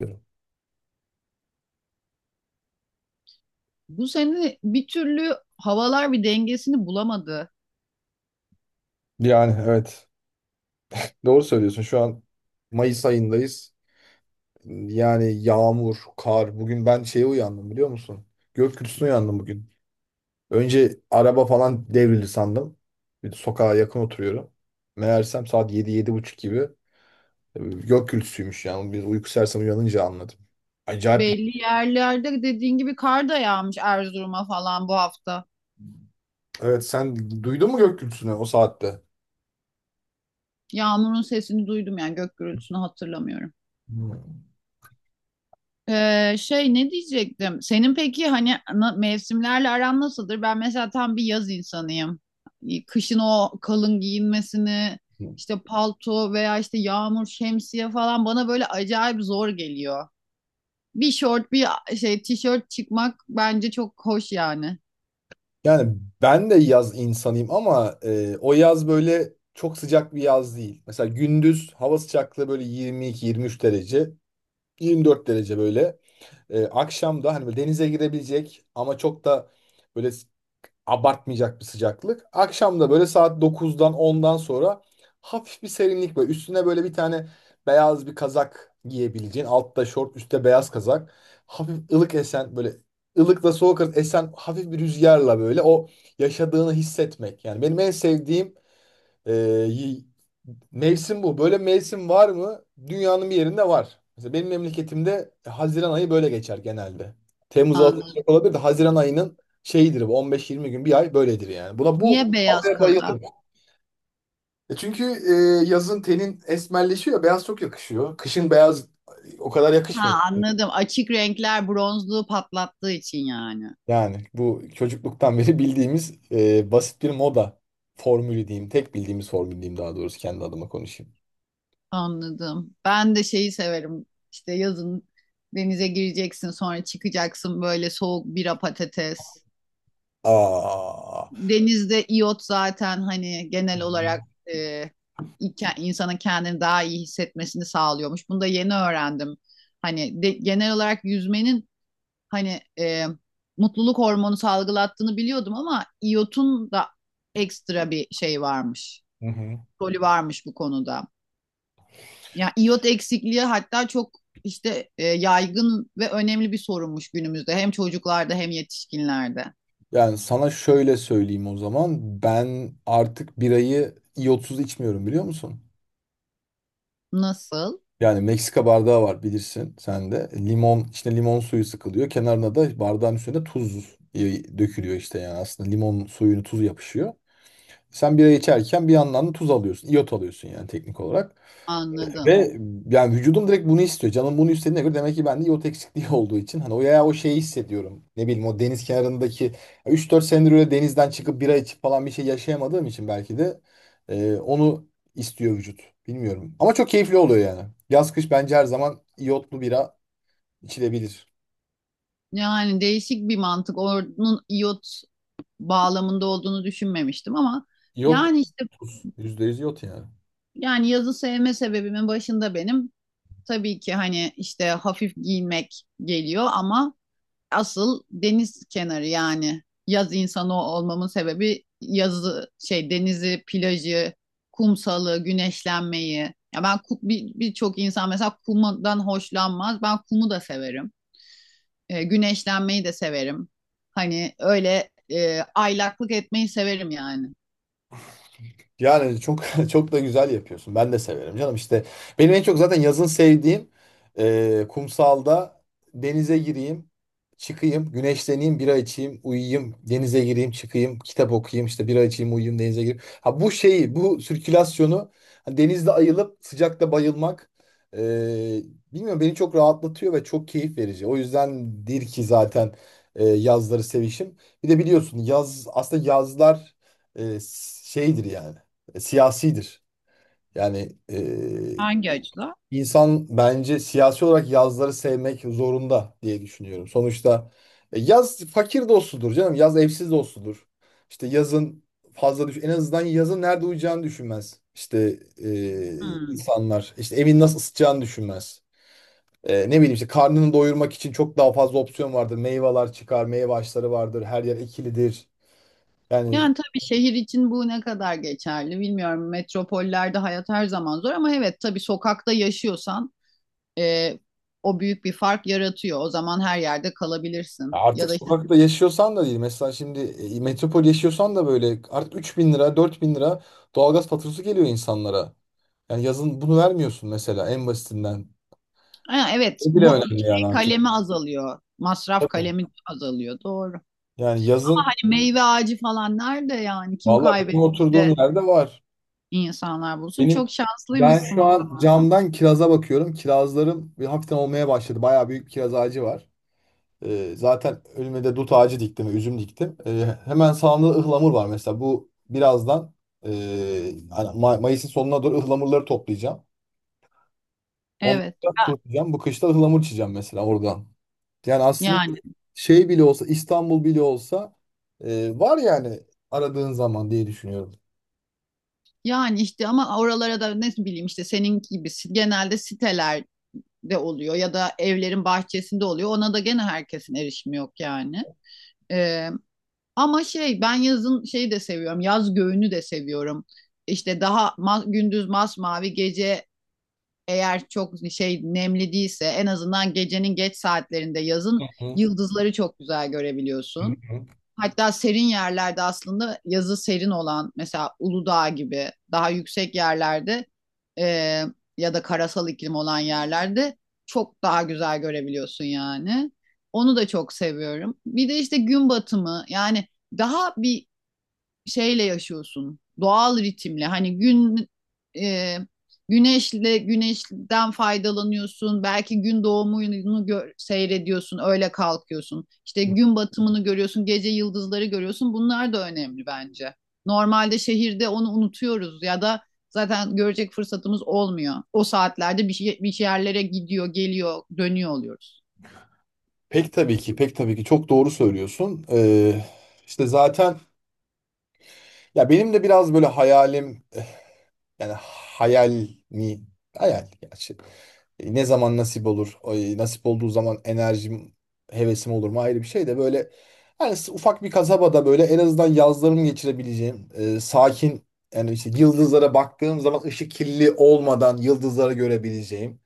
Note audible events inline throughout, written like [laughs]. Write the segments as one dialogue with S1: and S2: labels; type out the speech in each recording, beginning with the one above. S1: Diyorum.
S2: Bu sene bir türlü havalar bir dengesini bulamadı.
S1: Yani evet. Doğru söylüyorsun. Şu an Mayıs ayındayız. Yani yağmur, kar. Bugün ben şeye uyandım biliyor musun? Gök gürültüsüne uyandım bugün. Önce araba falan devrildi sandım. Bir de sokağa yakın oturuyorum. Meğersem saat yedi yedi buçuk gibi gök gürültüsüymüş yani. Bir uyku sersemi uyanınca anladım. Acayip bir.
S2: Belli yerlerde dediğin gibi kar da yağmış Erzurum'a falan bu hafta.
S1: Evet, sen duydun mu gök gürültüsünü o saatte?
S2: Yağmurun sesini duydum, yani gök gürültüsünü hatırlamıyorum.
S1: Hmm.
S2: Şey, ne diyecektim? Senin peki hani mevsimlerle aran nasıldır? Ben mesela tam bir yaz insanıyım. Kışın o kalın giyinmesini, işte palto veya işte yağmur, şemsiye falan bana böyle acayip zor geliyor. Bir şort, bir şey tişört çıkmak bence çok hoş yani.
S1: Yani ben de yaz insanıyım ama o yaz böyle çok sıcak bir yaz değil. Mesela gündüz hava sıcaklığı böyle 22-23 derece, 24 derece böyle. Akşam da hani böyle denize girebilecek ama çok da böyle abartmayacak bir sıcaklık. Akşam da böyle saat dokuzdan ondan sonra hafif bir serinlik böyle. Üstüne böyle bir tane beyaz bir kazak giyebileceğin. Altta şort, üstte beyaz kazak. Hafif ılık esen böyle ılıkla soğuk arası esen hafif bir rüzgarla böyle o yaşadığını hissetmek. Yani benim en sevdiğim ee, y- mevsim bu. Böyle mevsim var mı? Dünyanın bir yerinde var. Mesela benim memleketimde Haziran ayı böyle geçer genelde. Temmuz Ağustos
S2: Anladım.
S1: olabilir de Haziran ayının şeyidir bu 15-20 gün bir ay böyledir yani. Buna bu
S2: Niye beyaz
S1: havaya
S2: kazak?
S1: bayılırım. E çünkü yazın tenin esmerleşiyor, beyaz çok yakışıyor. Kışın beyaz o kadar yakışmıyor.
S2: Ha, anladım. Açık renkler bronzluğu patlattığı için yani.
S1: Yani bu çocukluktan beri bildiğimiz basit bir moda formülü diyeyim. Tek bildiğimiz formül diyeyim daha doğrusu kendi adıma konuşayım.
S2: Anladım. Ben de şeyi severim. İşte yazın denize gireceksin, sonra çıkacaksın, böyle soğuk bira patates.
S1: Aa.
S2: Denizde iyot zaten hani genel olarak e, insanın kendini daha iyi hissetmesini sağlıyormuş. Bunu da yeni öğrendim. Hani genel olarak yüzmenin hani mutluluk hormonu salgılattığını biliyordum ama iyotun da ekstra bir şey varmış.
S1: Hı hı.
S2: Rolü varmış bu konuda. Yani iyot eksikliği hatta çok işte yaygın ve önemli bir sorunmuş günümüzde. Hem çocuklarda hem yetişkinlerde.
S1: Yani sana şöyle söyleyeyim o zaman. Ben artık birayı iyotsuz içmiyorum biliyor musun?
S2: Nasıl?
S1: Yani Meksika bardağı var bilirsin sen de. Limon, içine limon suyu sıkılıyor. Kenarına da bardağın üstüne tuz dökülüyor işte yani aslında limon suyunu tuzu yapışıyor. Sen bira içerken bir yandan da tuz alıyorsun, iyot alıyorsun yani teknik olarak.
S2: Anladım.
S1: Ve yani vücudum direkt bunu istiyor. Canım bunu istediğine göre demek ki bende iot eksikliği [laughs] olduğu için hani o ya o şeyi hissediyorum. Ne bileyim o deniz kenarındaki 3-4 senedir öyle denizden çıkıp bira içip falan bir şey yaşayamadığım için belki de onu istiyor vücut. Bilmiyorum. Ama çok keyifli oluyor yani. Yaz kış bence her zaman iyotlu bira içilebilir.
S2: Yani değişik bir mantık. Onun iyot bağlamında olduğunu düşünmemiştim ama
S1: İyot
S2: yani işte
S1: %100 iyot yani.
S2: yani yazı sevme sebebimin başında benim tabii ki hani işte hafif giymek geliyor ama asıl deniz kenarı, yani yaz insanı olmamın sebebi yazı, şey, denizi, plajı, kumsalı, güneşlenmeyi. Ya ben birçok insan mesela kumdan hoşlanmaz. Ben kumu da severim. Güneşlenmeyi de severim. Hani öyle aylaklık etmeyi severim yani.
S1: Yani çok [laughs] çok da güzel yapıyorsun. Ben de severim canım. İşte benim en çok zaten yazın sevdiğim kumsalda denize gireyim, çıkayım, güneşleneyim, bira içeyim, uyuyayım, denize gireyim, çıkayım, kitap okuyayım, işte bira içeyim, uyuyayım, denize gireyim. Ha bu şeyi, bu sirkülasyonu hani denizde ayılıp sıcakta bayılmak e, bilmiyorum beni çok rahatlatıyor ve çok keyif verici. O yüzdendir ki zaten yazları sevişim. Bir de biliyorsun yaz aslında yazlar e, şeydir yani siyasidir. Yani
S2: Hangi açıdan?
S1: insan bence siyasi olarak yazları sevmek zorunda diye düşünüyorum. Sonuçta yaz fakir dostudur canım. Yaz evsiz dostudur. İşte yazın fazla düş en azından yazın nerede uyuyacağını düşünmez. İşte
S2: Hmm.
S1: insanlar işte evin nasıl ısıtacağını düşünmez. Ne bileyim işte karnını doyurmak için çok daha fazla opsiyon vardır. Meyveler çıkar, meyve ağaçları vardır. Her yer ekilidir. Yani,
S2: Yani tabii şehir için bu ne kadar geçerli bilmiyorum. Metropollerde hayat her zaman zor ama evet, tabii sokakta yaşıyorsan e, o büyük bir fark yaratıyor. O zaman her yerde
S1: ya
S2: kalabilirsin. Ya
S1: artık
S2: da işte
S1: sokakta yaşıyorsan da değil. Mesela şimdi metropol yaşıyorsan da böyle artık 3.000 lira, 4.000 lira doğalgaz faturası geliyor insanlara. Yani yazın bunu vermiyorsun mesela en basitinden.
S2: ha, evet,
S1: O bile
S2: bu
S1: önemli yani
S2: şey
S1: artık.
S2: kalemi azalıyor. Masraf
S1: Tabii.
S2: kalemi azalıyor, doğru.
S1: Yani yazın
S2: Hani meyve ağacı falan nerede yani, kim
S1: valla benim
S2: kaybetmiş
S1: oturduğum
S2: de
S1: yerde var.
S2: insanlar bulsun.
S1: Benim
S2: Çok
S1: ben
S2: şanslıymışsın
S1: şu
S2: o
S1: an
S2: zaman.
S1: camdan kiraza bakıyorum. Kirazlarım bir hafiften olmaya başladı. Bayağı büyük bir kiraz ağacı var. Zaten önüme de dut ağacı diktim, üzüm diktim. Hemen sağımda ıhlamur var mesela. Bu birazdan e, hani Mayıs'ın sonuna doğru ıhlamurları toplayacağım. Onları
S2: Evet.
S1: da
S2: Ben-
S1: kurutacağım. Bu kışta ıhlamur içeceğim mesela oradan. Yani aslında
S2: Yani,
S1: şey bile olsa, İstanbul bile olsa var yani aradığın zaman diye düşünüyorum.
S2: yani işte ama oralara da ne bileyim işte senin gibi genelde siteler de oluyor ya da evlerin bahçesinde oluyor. Ona da gene herkesin erişimi yok yani. Ee, Ama şey, ben yazın şeyi de seviyorum. Yaz göğünü de seviyorum. İşte daha ma gündüz masmavi, gece eğer çok şey nemli değilse en azından gecenin geç saatlerinde yazın
S1: Hı hı,
S2: yıldızları çok güzel
S1: hı
S2: görebiliyorsun.
S1: hı.
S2: Hatta serin yerlerde, aslında yazı serin olan, mesela Uludağ gibi daha yüksek yerlerde e, ya da karasal iklim olan yerlerde çok daha güzel görebiliyorsun yani. Onu da çok seviyorum. Bir de işte gün batımı, yani daha bir şeyle yaşıyorsun. Doğal ritimle. Hani gün e, güneşle, güneşten faydalanıyorsun. Belki gün doğumunu seyrediyorsun. Öyle kalkıyorsun. İşte gün batımını görüyorsun. Gece yıldızları görüyorsun. Bunlar da önemli bence. Normalde şehirde onu unutuyoruz ya da zaten görecek fırsatımız olmuyor. O saatlerde bir, şey, bir yerlere gidiyor, geliyor, dönüyor oluyoruz.
S1: Pek tabii ki, pek tabii ki çok doğru söylüyorsun. İşte zaten ya benim de biraz böyle hayalim yani hayal mi hayal gerçi. Ne zaman nasip olur? Ay, nasip olduğu zaman enerjim, hevesim olur mu ayrı bir şey de böyle hani ufak bir kasabada böyle en azından yazlarımı geçirebileceğim sakin yani işte yıldızlara baktığım zaman ışık kirli olmadan yıldızları görebileceğim.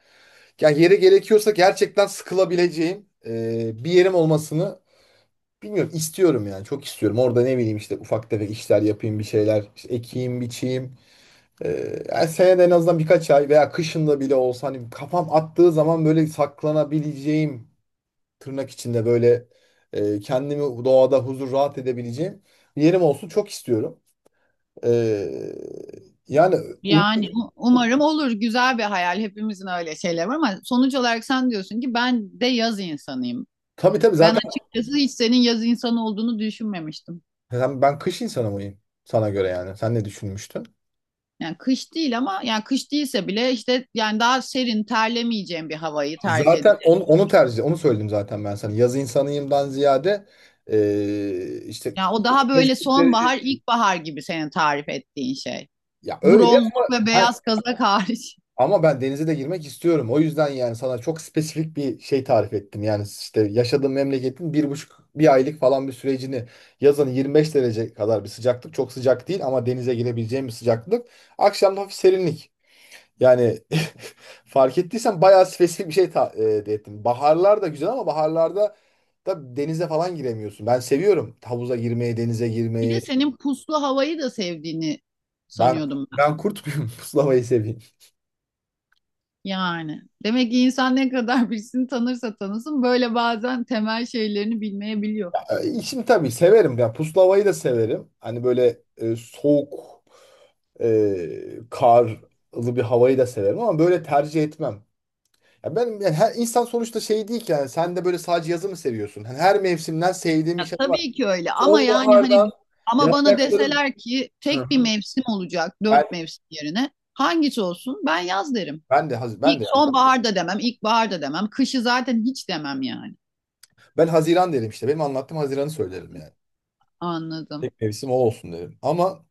S1: Yani yeri gerekiyorsa gerçekten sıkılabileceğim bir yerim olmasını bilmiyorum istiyorum yani çok istiyorum. Orada ne bileyim işte ufak tefek işler yapayım bir şeyler işte ekeyim biçeyim. E, Yani senede en azından birkaç ay veya kışında bile olsa hani kafam attığı zaman böyle saklanabileceğim tırnak içinde böyle kendimi doğada huzur rahat edebileceğim bir yerim olsun çok istiyorum. E, Yani um,
S2: Yani umarım olur. Güzel bir hayal. Hepimizin öyle şeyler var, ama sonuç olarak sen diyorsun ki ben de yaz insanıyım.
S1: tabii tabii
S2: Ben
S1: zaten
S2: açıkçası hiç senin yaz insanı olduğunu düşünmemiştim.
S1: ben kış insanı mıyım sana göre yani sen ne düşünmüştün?
S2: Yani kış değil ama, yani kış değilse bile işte yani daha serin, terlemeyeceğim bir havayı tercih
S1: Zaten
S2: edeceğim.
S1: onu söyledim zaten ben sana. Yaz insanıyımdan ziyade işte
S2: Yani o daha böyle sonbahar, ilkbahar gibi senin tarif ettiğin şey.
S1: ya öyle
S2: Bronzluk ve
S1: ben,
S2: beyaz kazak hariç.
S1: ama ben denize de girmek istiyorum. O yüzden yani sana çok spesifik bir şey tarif ettim. Yani işte yaşadığım memleketin bir buçuk bir aylık falan bir sürecini yazın 25 derece kadar bir sıcaklık çok sıcak değil ama denize girebileceğim bir sıcaklık. Akşam da hafif serinlik. Yani [laughs] fark ettiysen bayağı spesifik bir şey de ettim. Baharlar da güzel ama baharlarda da denize falan giremiyorsun. Ben seviyorum havuza girmeyi, denize
S2: Bir de
S1: girmeyi.
S2: senin puslu havayı da sevdiğini
S1: Ben
S2: sanıyordum.
S1: ben kurt muyum? [laughs] Puslamayı seveyim.
S2: Yani demek ki insan ne kadar [laughs] birisini tanırsa tanısın, böyle bazen temel şeylerini bilmeyebiliyor.
S1: Şimdi tabii severim. Yani puslamayı da severim. Hani böyle soğuk, karlı bir havayı da severim ama böyle tercih etmem. Ya benim yani her insan sonuçta şey değil ki yani sen de böyle sadece yazı mı seviyorsun? Hani her mevsimden sevdiğim bir
S2: Ya,
S1: şey var.
S2: tabii ki öyle ama yani
S1: Sonbahardan
S2: hani, ama bana
S1: yaprakların.
S2: deseler ki
S1: Hı
S2: tek bir
S1: hı.
S2: mevsim olacak
S1: Ben,
S2: dört mevsim yerine hangisi olsun, ben yaz derim.
S1: ben de Haz-
S2: İlk
S1: ben de ya.
S2: sonbahar da demem, ilkbahar da demem, kışı zaten hiç demem yani.
S1: Ben Haziran derim işte. Benim anlattığım Haziran'ı söylerim yani.
S2: Anladım.
S1: Tek mevsim o olsun derim. Ama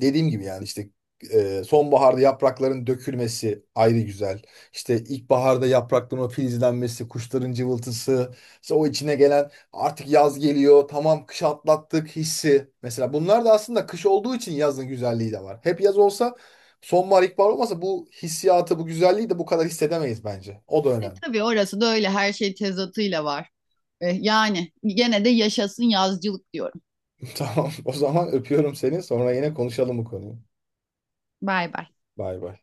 S1: dediğim gibi yani işte sonbaharda yaprakların dökülmesi ayrı güzel. İşte ilkbaharda yaprakların o filizlenmesi, kuşların cıvıltısı, işte o içine gelen artık yaz geliyor, tamam kış atlattık hissi. Mesela bunlar da aslında kış olduğu için yazın güzelliği de var. Hep yaz olsa sonbahar, ilkbahar olmasa bu hissiyatı, bu güzelliği de bu kadar hissedemeyiz bence. O da
S2: E
S1: önemli.
S2: tabii orası da öyle, her şey tezatıyla var. E, yani gene de yaşasın yazcılık diyorum.
S1: [laughs] Tamam. O zaman öpüyorum seni. Sonra yine konuşalım bu konuyu.
S2: Bay bay.
S1: Bay bay.